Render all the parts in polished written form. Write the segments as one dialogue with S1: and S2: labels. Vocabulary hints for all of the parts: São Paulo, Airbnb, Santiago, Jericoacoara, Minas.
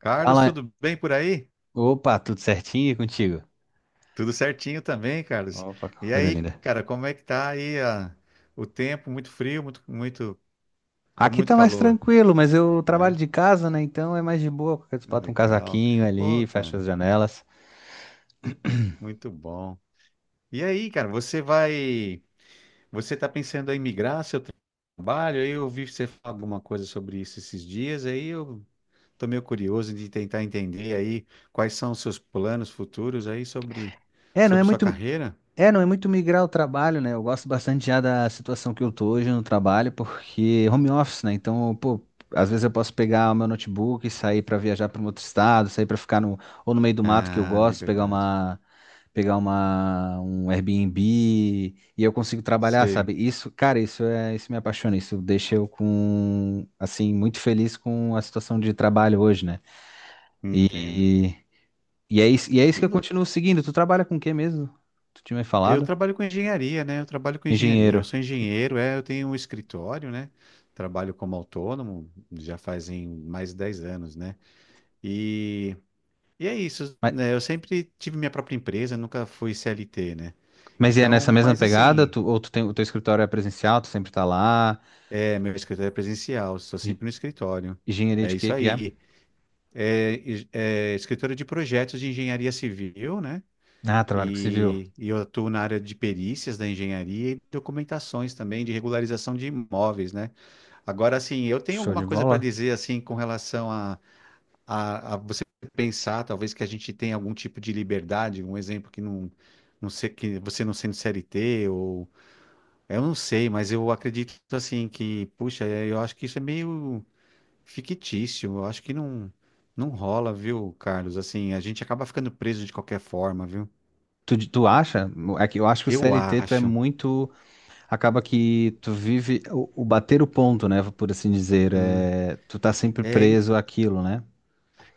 S1: Carlos,
S2: Fala.
S1: tudo bem por aí?
S2: Opa, tudo certinho e contigo?
S1: Tudo certinho também, Carlos.
S2: Opa,
S1: E
S2: coisa
S1: aí,
S2: linda.
S1: cara, como é que tá aí o tempo? Muito frio, ou
S2: Aqui
S1: muito
S2: tá mais
S1: calor?
S2: tranquilo, mas eu trabalho
S1: É,
S2: de casa, né? Então é mais de boa, porque tu
S1: Que
S2: bota um
S1: legal.
S2: casaquinho
S1: Pô,
S2: ali, fecha as
S1: cara,
S2: janelas.
S1: muito bom. E aí, cara, você tá pensando em migrar seu trabalho? Aí eu ouvi você falar alguma coisa sobre isso esses dias, aí eu tô meio curioso de tentar entender aí quais são os seus planos futuros
S2: É, não é
S1: sobre sua
S2: muito.
S1: carreira.
S2: É, não é muito migrar o trabalho, né? Eu gosto bastante já da situação que eu tô hoje no trabalho, porque home office, né? Então, pô, às vezes eu posso pegar o meu notebook e sair pra viajar para um outro estado, sair pra ficar no ou no meio do mato que eu
S1: Ah,
S2: gosto,
S1: liberdade.
S2: pegar uma um Airbnb e eu consigo trabalhar, sabe? Isso, cara, isso me apaixona, isso deixa eu com assim muito feliz com a situação de trabalho hoje, né?
S1: Entendo.
S2: E e é isso, e é isso
S1: E
S2: que eu
S1: vo-
S2: continuo seguindo. Tu trabalha com o quê mesmo? Tu tinha me
S1: eu
S2: falado?
S1: trabalho com engenharia, né? Eu trabalho com engenharia. Eu
S2: Engenheiro.
S1: sou engenheiro, é, eu tenho um escritório, né? Trabalho como autônomo já fazem mais de 10 anos, né? E, e é isso,
S2: Mas,
S1: né? Eu sempre tive minha própria empresa, nunca fui CLT, né?
S2: mas e é nessa
S1: Então,
S2: mesma
S1: mas
S2: pegada?
S1: assim,
S2: Tu, ou tu tem, o teu escritório é presencial, tu sempre tá lá?
S1: é, meu escritório é presencial, estou
S2: E-
S1: sempre no escritório.
S2: Engenharia
S1: É
S2: de
S1: isso
S2: quê que é?
S1: aí. É, é escritório de projetos de engenharia civil, né?
S2: Ah, trabalho com civil.
S1: E eu atuo na área de perícias da engenharia e documentações também de regularização de imóveis, né? Agora, assim, eu tenho
S2: Show
S1: alguma
S2: de
S1: coisa para
S2: bola.
S1: dizer assim com relação a você pensar, talvez que a gente tenha algum tipo de liberdade, um exemplo que não, não sei, que você não sendo CLT ou eu não sei, mas eu acredito assim que, puxa, é, eu acho que isso é meio fictício, eu acho que não rola, viu, Carlos? Assim, a gente acaba ficando preso de qualquer forma, viu?
S2: Tu acha? É que eu acho que o
S1: Eu
S2: CLT tu é
S1: acho.
S2: muito. Acaba que tu vive o bater o ponto, né? Por assim dizer.
S1: Né?
S2: É, tu tá sempre
S1: É,
S2: preso àquilo, né?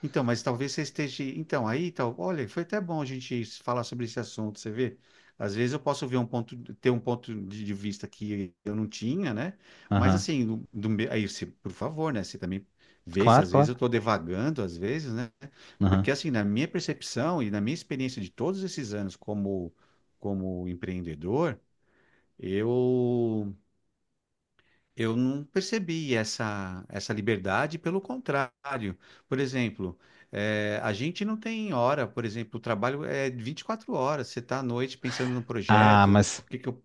S1: então, mas talvez você esteja. Então, aí, tal, olha, foi até bom a gente falar sobre esse assunto, você vê? Às vezes eu posso ver um ponto, ter um ponto de vista que eu não tinha, né? Mas
S2: Aham.
S1: assim, aí, se, por favor, né? Você também vê se
S2: Claro,
S1: às vezes
S2: claro.
S1: eu estou devagando, às vezes, né? Porque
S2: Aham.
S1: assim, na minha percepção e na minha experiência de todos esses anos como, como empreendedor, eu Eu não percebi essa, essa liberdade, pelo contrário. Por exemplo, a gente não tem hora, por exemplo, o trabalho é 24 horas, você está à noite pensando no
S2: Ah,
S1: projeto,
S2: mas.
S1: o que que eu,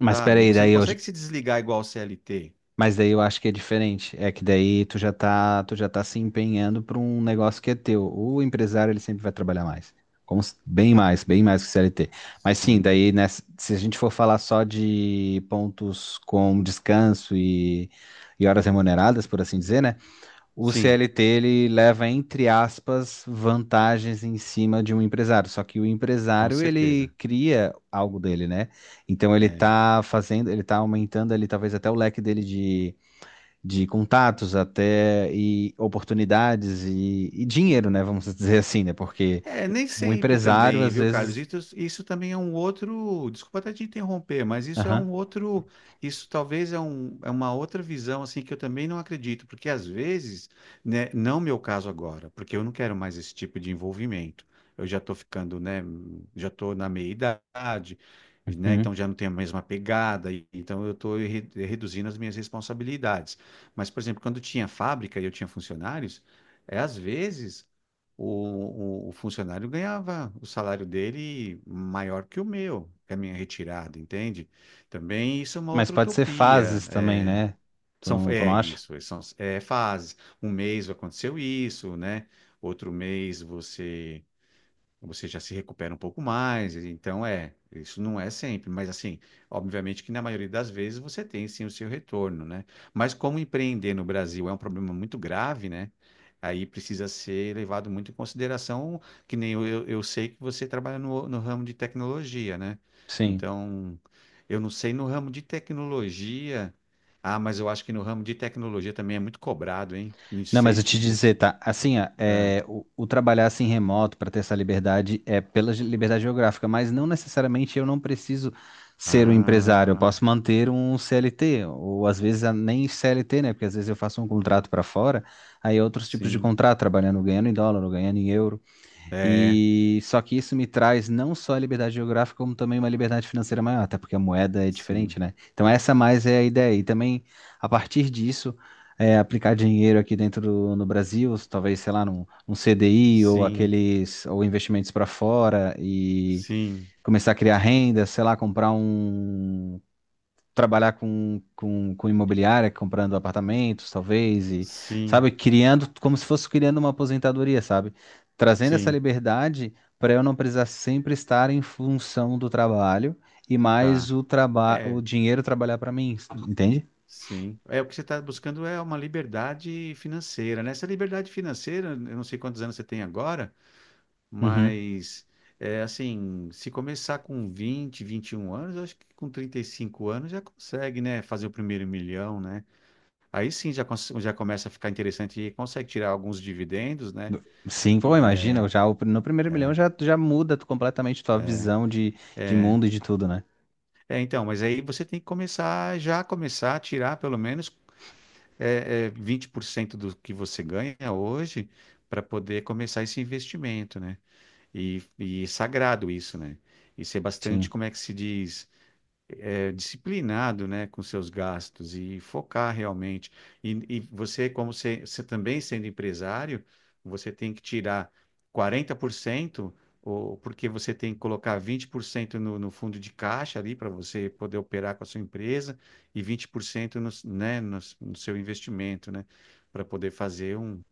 S2: Mas
S1: sabe?
S2: peraí,
S1: Você não consegue se desligar igual o CLT.
S2: mas daí eu acho que é diferente. É que daí tu já tá se empenhando para um negócio que é teu. O empresário, ele sempre vai trabalhar mais. Como, bem mais que o CLT. Mas sim,
S1: Sim,
S2: daí, né, se a gente for falar só de pontos com descanso e horas remuneradas, por assim dizer, né? O
S1: sim,
S2: CLT, ele leva, entre aspas, vantagens em cima de um empresário. Só que o
S1: com
S2: empresário, ele
S1: certeza.
S2: cria algo dele, né? Então ele
S1: É,
S2: tá fazendo, ele tá aumentando ali talvez até o leque dele de contatos até e oportunidades e dinheiro, né? Vamos dizer assim, né? Porque
S1: é, nem
S2: o
S1: sempre
S2: empresário,
S1: também,
S2: às
S1: viu, Carlos?
S2: vezes.
S1: Isso também é um outro. Desculpa até te interromper, mas isso é
S2: Aham.
S1: um outro. Isso talvez é, um, é uma outra visão, assim, que eu também não acredito, porque às vezes, né, não meu caso agora, porque eu não quero mais esse tipo de envolvimento. Eu já estou ficando, né, já estou na meia-idade, né,
S2: Uhum.
S1: então já não tenho a mesma pegada, então eu estou reduzindo as minhas responsabilidades. Mas, por exemplo, quando tinha fábrica e eu tinha funcionários, é às vezes o funcionário ganhava o salário dele maior que o meu, que a minha retirada, entende? Também isso é uma
S2: Mas
S1: outra
S2: pode ser
S1: utopia.
S2: fases também, né? Tu
S1: São,
S2: não, tu
S1: é
S2: não acha?
S1: isso, são, é fases. Um mês aconteceu isso, né? Outro mês você já se recupera um pouco mais. Então, é, isso não é sempre, mas assim, obviamente que na maioria das vezes você tem sim o seu retorno, né? Mas como empreender no Brasil é um problema muito grave, né? Aí precisa ser levado muito em consideração, que nem eu, eu sei que você trabalha no ramo de tecnologia, né?
S2: Sim.
S1: Então, eu não sei no ramo de tecnologia. Ah, mas eu acho que no ramo de tecnologia também é muito cobrado, hein? Não
S2: Não,
S1: sei
S2: mas eu
S1: de
S2: te
S1: você.
S2: dizer, tá? Assim, ó,
S1: Ah,
S2: é, o trabalhar assim remoto para ter essa liberdade é pela liberdade geográfica, mas não necessariamente eu não preciso ser um empresário, eu
S1: ah,
S2: posso manter um CLT, ou às vezes nem CLT, né? Porque às vezes eu faço um contrato para fora, aí é outros tipos de
S1: sim.
S2: contrato, trabalhando ganhando em dólar, ou ganhando em euro.
S1: É.
S2: E só que isso me traz não só a liberdade geográfica, como também uma liberdade financeira maior, até porque a moeda é
S1: Sim,
S2: diferente, né? Então essa mais é a ideia. E também, a partir disso, é, aplicar dinheiro aqui dentro no Brasil, talvez, sei lá, num CDI ou
S1: sim,
S2: aqueles, ou investimentos para fora e
S1: sim,
S2: começar a criar renda, sei lá, comprar um trabalhar com imobiliária, comprando apartamentos, talvez, e,
S1: sim,
S2: sabe, criando, como se fosse criando uma aposentadoria, sabe? Trazendo essa
S1: sim,
S2: liberdade para eu não precisar sempre estar em função do trabalho e mais
S1: tá.
S2: o trabalho, o
S1: É,
S2: dinheiro trabalhar para mim, entende?
S1: sim. É o que você está buscando é uma liberdade financeira, né? Essa liberdade financeira, eu não sei quantos anos você tem agora,
S2: Uhum.
S1: mas é assim, se começar com 21 anos, eu acho que com 35 anos já consegue, né, fazer o primeiro milhão, né? Aí sim já, já começa a ficar interessante e consegue tirar alguns dividendos, né?
S2: Sim, pô,
S1: E,
S2: imagina,
S1: é,
S2: já no primeiro milhão
S1: é,
S2: já, já muda completamente tua
S1: é.
S2: visão de
S1: é.
S2: mundo e de tudo, né?
S1: É, então, mas aí você tem que começar, já começar a tirar pelo menos 20% do que você ganha hoje para poder começar esse investimento, né? E é sagrado isso, né? E ser bastante,
S2: Sim,
S1: como é que se diz? Disciplinado, né, com seus gastos e focar realmente. E você, como você, você também sendo empresário, você tem que tirar 40%, ou, porque você tem que colocar 20% no fundo de caixa ali para você poder operar com a sua empresa e 20% no, né, no seu investimento, né, para poder fazer um,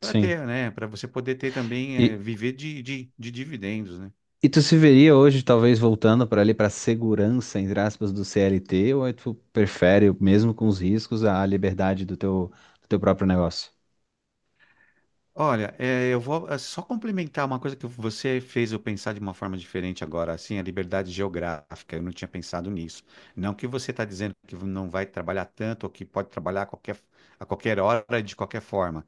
S1: para
S2: sim.
S1: ter, né, para você poder ter também,
S2: E,
S1: viver de dividendos, né?
S2: E tu se veria hoje, talvez, voltando para ali para segurança, entre aspas, do CLT, ou aí tu prefere, mesmo com os riscos, a liberdade do teu próprio negócio?
S1: Olha, eu vou só complementar uma coisa que você fez eu pensar de uma forma diferente agora, assim, a liberdade geográfica. Eu não tinha pensado nisso. Não que você está dizendo que não vai trabalhar tanto ou que pode trabalhar a a qualquer hora, de qualquer forma.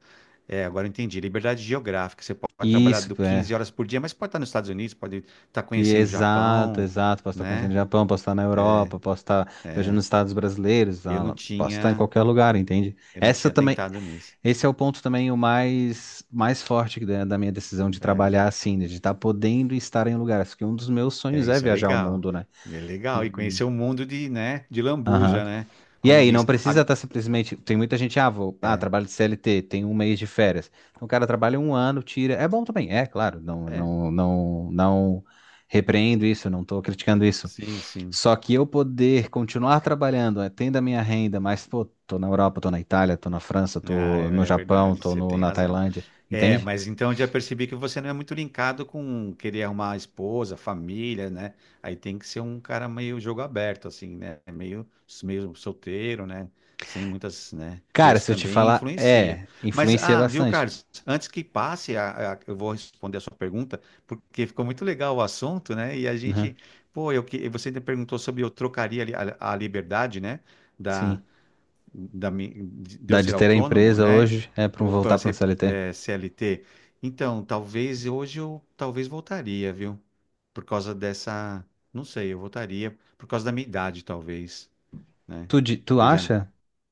S1: É, agora eu entendi. Liberdade geográfica. Você pode trabalhar do
S2: Isso,
S1: 15
S2: é.
S1: horas por dia, mas pode estar nos Estados Unidos, pode estar
S2: E
S1: conhecendo o
S2: exato,
S1: Japão,
S2: exato. Posso estar conhecendo o
S1: né?
S2: Japão, posso estar na
S1: É,
S2: Europa, posso estar viajando
S1: é.
S2: nos Estados brasileiros,
S1: Eu não
S2: ah, posso estar em
S1: tinha,
S2: qualquer lugar, entende?
S1: eu não
S2: Essa
S1: tinha
S2: também,
S1: tentado nisso.
S2: esse é o ponto também o mais, mais forte da minha decisão de
S1: É.
S2: trabalhar assim, né, de estar podendo estar em lugares, porque um dos meus
S1: É,
S2: sonhos é
S1: isso é
S2: viajar o
S1: legal.
S2: mundo, né?
S1: E é legal. E
S2: E,
S1: conhecer o mundo de, né, de
S2: aham.
S1: Lambuja, né?
S2: E
S1: Como
S2: aí, não
S1: diz.
S2: precisa estar simplesmente. Tem muita gente, ah, vou, ah,
S1: É,
S2: trabalho de CLT, tem um mês de férias. Então, o cara trabalha um ano, tira. É bom também, é claro, não,
S1: é,
S2: não, não, não repreendo isso, não estou criticando isso.
S1: sim, sim.
S2: Só que eu poder continuar trabalhando, eh, tendo a minha renda, mas, pô, tô na Europa, tô na Itália, tô na França,
S1: Ah,
S2: tô no
S1: é é
S2: Japão,
S1: verdade,
S2: tô
S1: você
S2: no-
S1: tem
S2: na
S1: razão.
S2: Tailândia,
S1: É,
S2: entende?
S1: mas então eu já percebi que você não é muito linkado com querer arrumar esposa, família, né? Aí tem que ser um cara meio jogo aberto, assim, né? Meio, meio solteiro, né? Sem muitas, né? Porque
S2: Cara,
S1: isso
S2: se eu te
S1: também
S2: falar,
S1: influencia.
S2: é,
S1: Mas,
S2: influencia
S1: ah, viu,
S2: bastante.
S1: Carlos? Antes que passe, eu vou responder a sua pergunta, porque ficou muito legal o assunto, né? E a
S2: Uhum,
S1: gente, pô, eu, você ainda perguntou sobre eu trocaria a, li- a liberdade, né?
S2: sim.
S1: da mi- de eu
S2: Dá de
S1: ser
S2: ter a
S1: autônomo,
S2: empresa
S1: né?
S2: hoje, é pra
S1: Ou para
S2: voltar pra um
S1: ser
S2: CLT.
S1: é, CLT. Então, talvez hoje eu talvez voltaria, viu? Por causa dessa, não sei, eu voltaria por causa da minha idade, talvez, né?
S2: Tu
S1: Eu já,
S2: acha?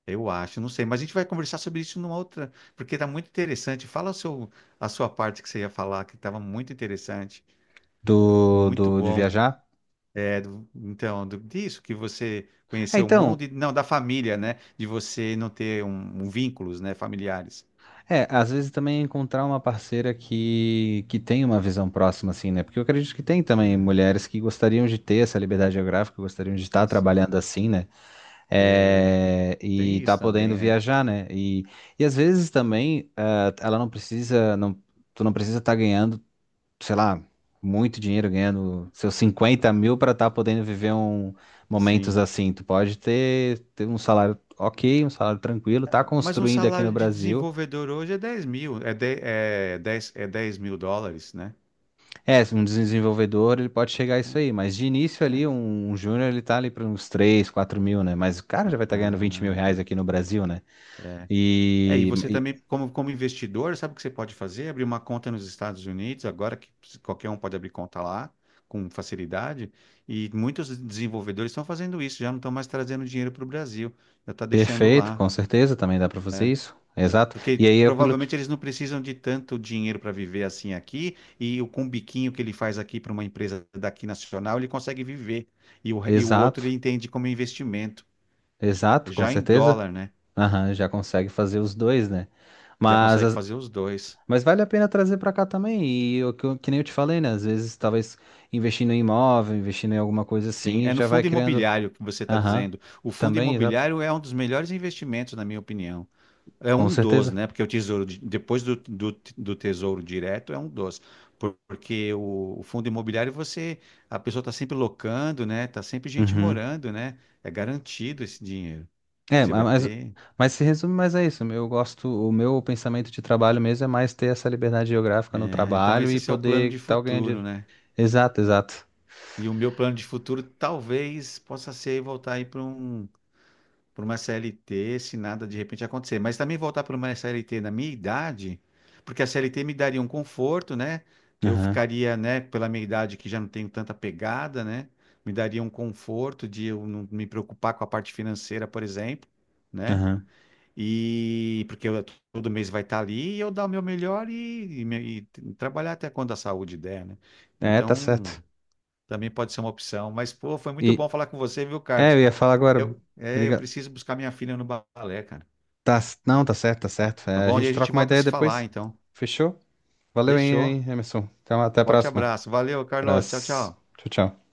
S1: eu acho, não sei, mas a gente vai conversar sobre isso numa outra, porque tá muito interessante. A sua parte que você ia falar, que estava muito interessante,
S2: do,
S1: muito
S2: do, de
S1: bom.
S2: viajar.
S1: É, então, disso, que você
S2: É,
S1: conheceu o
S2: então,
S1: mundo, e, não, da família, né? De você não ter um vínculos, né, familiares.
S2: é, às vezes também encontrar uma parceira que tem uma visão próxima, assim, né? Porque eu acredito que tem também
S1: Ah,
S2: mulheres que gostariam de ter essa liberdade geográfica, gostariam de estar
S1: sim.
S2: trabalhando assim, né?
S1: É,
S2: É, e
S1: tem
S2: tá
S1: isso
S2: podendo
S1: também, né?
S2: viajar, né? E às vezes também, ah, ela não precisa, não, tu não precisa estar ganhando. Sei lá, muito dinheiro ganhando seus 50 mil para estar podendo viver momentos
S1: Sim.
S2: assim. Tu pode ter um salário ok, um salário tranquilo, tá
S1: Mas um
S2: construindo aqui no
S1: salário de
S2: Brasil.
S1: desenvolvedor hoje é 10 mil, é, de, é, 10 é 10 mil dólares, né?
S2: É, um desenvolvedor, ele pode chegar a
S1: É,
S2: isso aí, mas de início ali,
S1: é.
S2: um júnior, ele tá ali para uns 3 4 mil, né? Mas o cara já vai estar ganhando 20 mil
S1: Ah,
S2: reais
S1: tá.
S2: aqui no Brasil, né?
S1: É, e
S2: E,
S1: você
S2: e-
S1: também, como, como investidor, sabe o que você pode fazer? Abrir uma conta nos Estados Unidos, agora que qualquer um pode abrir conta lá com facilidade, e muitos desenvolvedores estão fazendo isso, já não estão mais trazendo dinheiro para o Brasil, já está deixando
S2: Perfeito,
S1: lá,
S2: com certeza, também dá para fazer
S1: né?
S2: isso. Exato. E
S1: Porque
S2: aí é aquilo.
S1: provavelmente eles não precisam de tanto dinheiro para viver assim aqui, e o com o biquinho que ele faz aqui para uma empresa daqui nacional, ele consegue viver. E o outro
S2: Exato,
S1: ele entende como investimento,
S2: exato, com
S1: já em
S2: certeza.
S1: dólar, né?
S2: Aham, já consegue fazer os dois, né?
S1: Já
S2: Mas,
S1: consegue
S2: as-
S1: fazer os dois.
S2: mas vale a pena trazer pra cá também. Que nem eu te falei, né? Às vezes, talvez investindo em imóvel, investindo em alguma coisa
S1: Sim,
S2: assim,
S1: é no
S2: já vai
S1: fundo
S2: criando.
S1: imobiliário que você está
S2: Aham,
S1: dizendo. O fundo
S2: também, exato.
S1: imobiliário é um dos melhores investimentos, na minha opinião. É
S2: Com
S1: um dos,
S2: certeza.
S1: né? Porque o tesouro, depois do tesouro direto, é um dos. Porque o fundo imobiliário, você, a pessoa está sempre locando, né? Está sempre gente
S2: Uhum.
S1: morando, né? É garantido esse dinheiro.
S2: É,
S1: Você
S2: ma-
S1: vai
S2: mas,
S1: ter.
S2: mas se resume mais a isso. Eu gosto, o meu pensamento de trabalho mesmo é mais ter essa liberdade geográfica no
S1: Né? Então,
S2: trabalho
S1: esse é
S2: e
S1: seu plano
S2: poder
S1: de
S2: estar ganhando
S1: futuro,
S2: dinheiro.
S1: né?
S2: Exato, exato.
S1: E o meu plano de futuro talvez possa ser voltar aí para um. Para uma CLT se nada de repente acontecer. Mas também voltar para uma CLT na minha idade, porque a CLT me daria um conforto, né? Eu
S2: Aham,
S1: ficaria, né, pela minha idade que já não tenho tanta pegada, né? Me daria um conforto de eu não me preocupar com a parte financeira, por exemplo, né?
S2: aham.
S1: E porque eu, todo mês vai estar ali e eu dar o meu melhor e trabalhar até quando a saúde der, né?
S2: É, tá
S1: Então,
S2: certo.
S1: também pode ser uma opção. Mas, pô, foi muito
S2: E,
S1: bom falar com você, viu,
S2: é,
S1: Carlos?
S2: eu ia falar agora.
S1: Eu, é, eu
S2: Obriga-
S1: preciso buscar minha filha no balé, cara.
S2: Tá, não, tá certo, tá
S1: Tá,
S2: certo.
S1: tá
S2: É, a
S1: bom? E
S2: gente
S1: a gente
S2: troca uma
S1: volta a
S2: ideia
S1: se falar,
S2: depois.
S1: então.
S2: Fechou? Valeu, hein,
S1: Fechou.
S2: hein, Emerson. Então, até a
S1: Forte
S2: próxima.
S1: abraço. Valeu, Carlos. Tchau,
S2: Abraço.
S1: tchau.
S2: Tchau, tchau.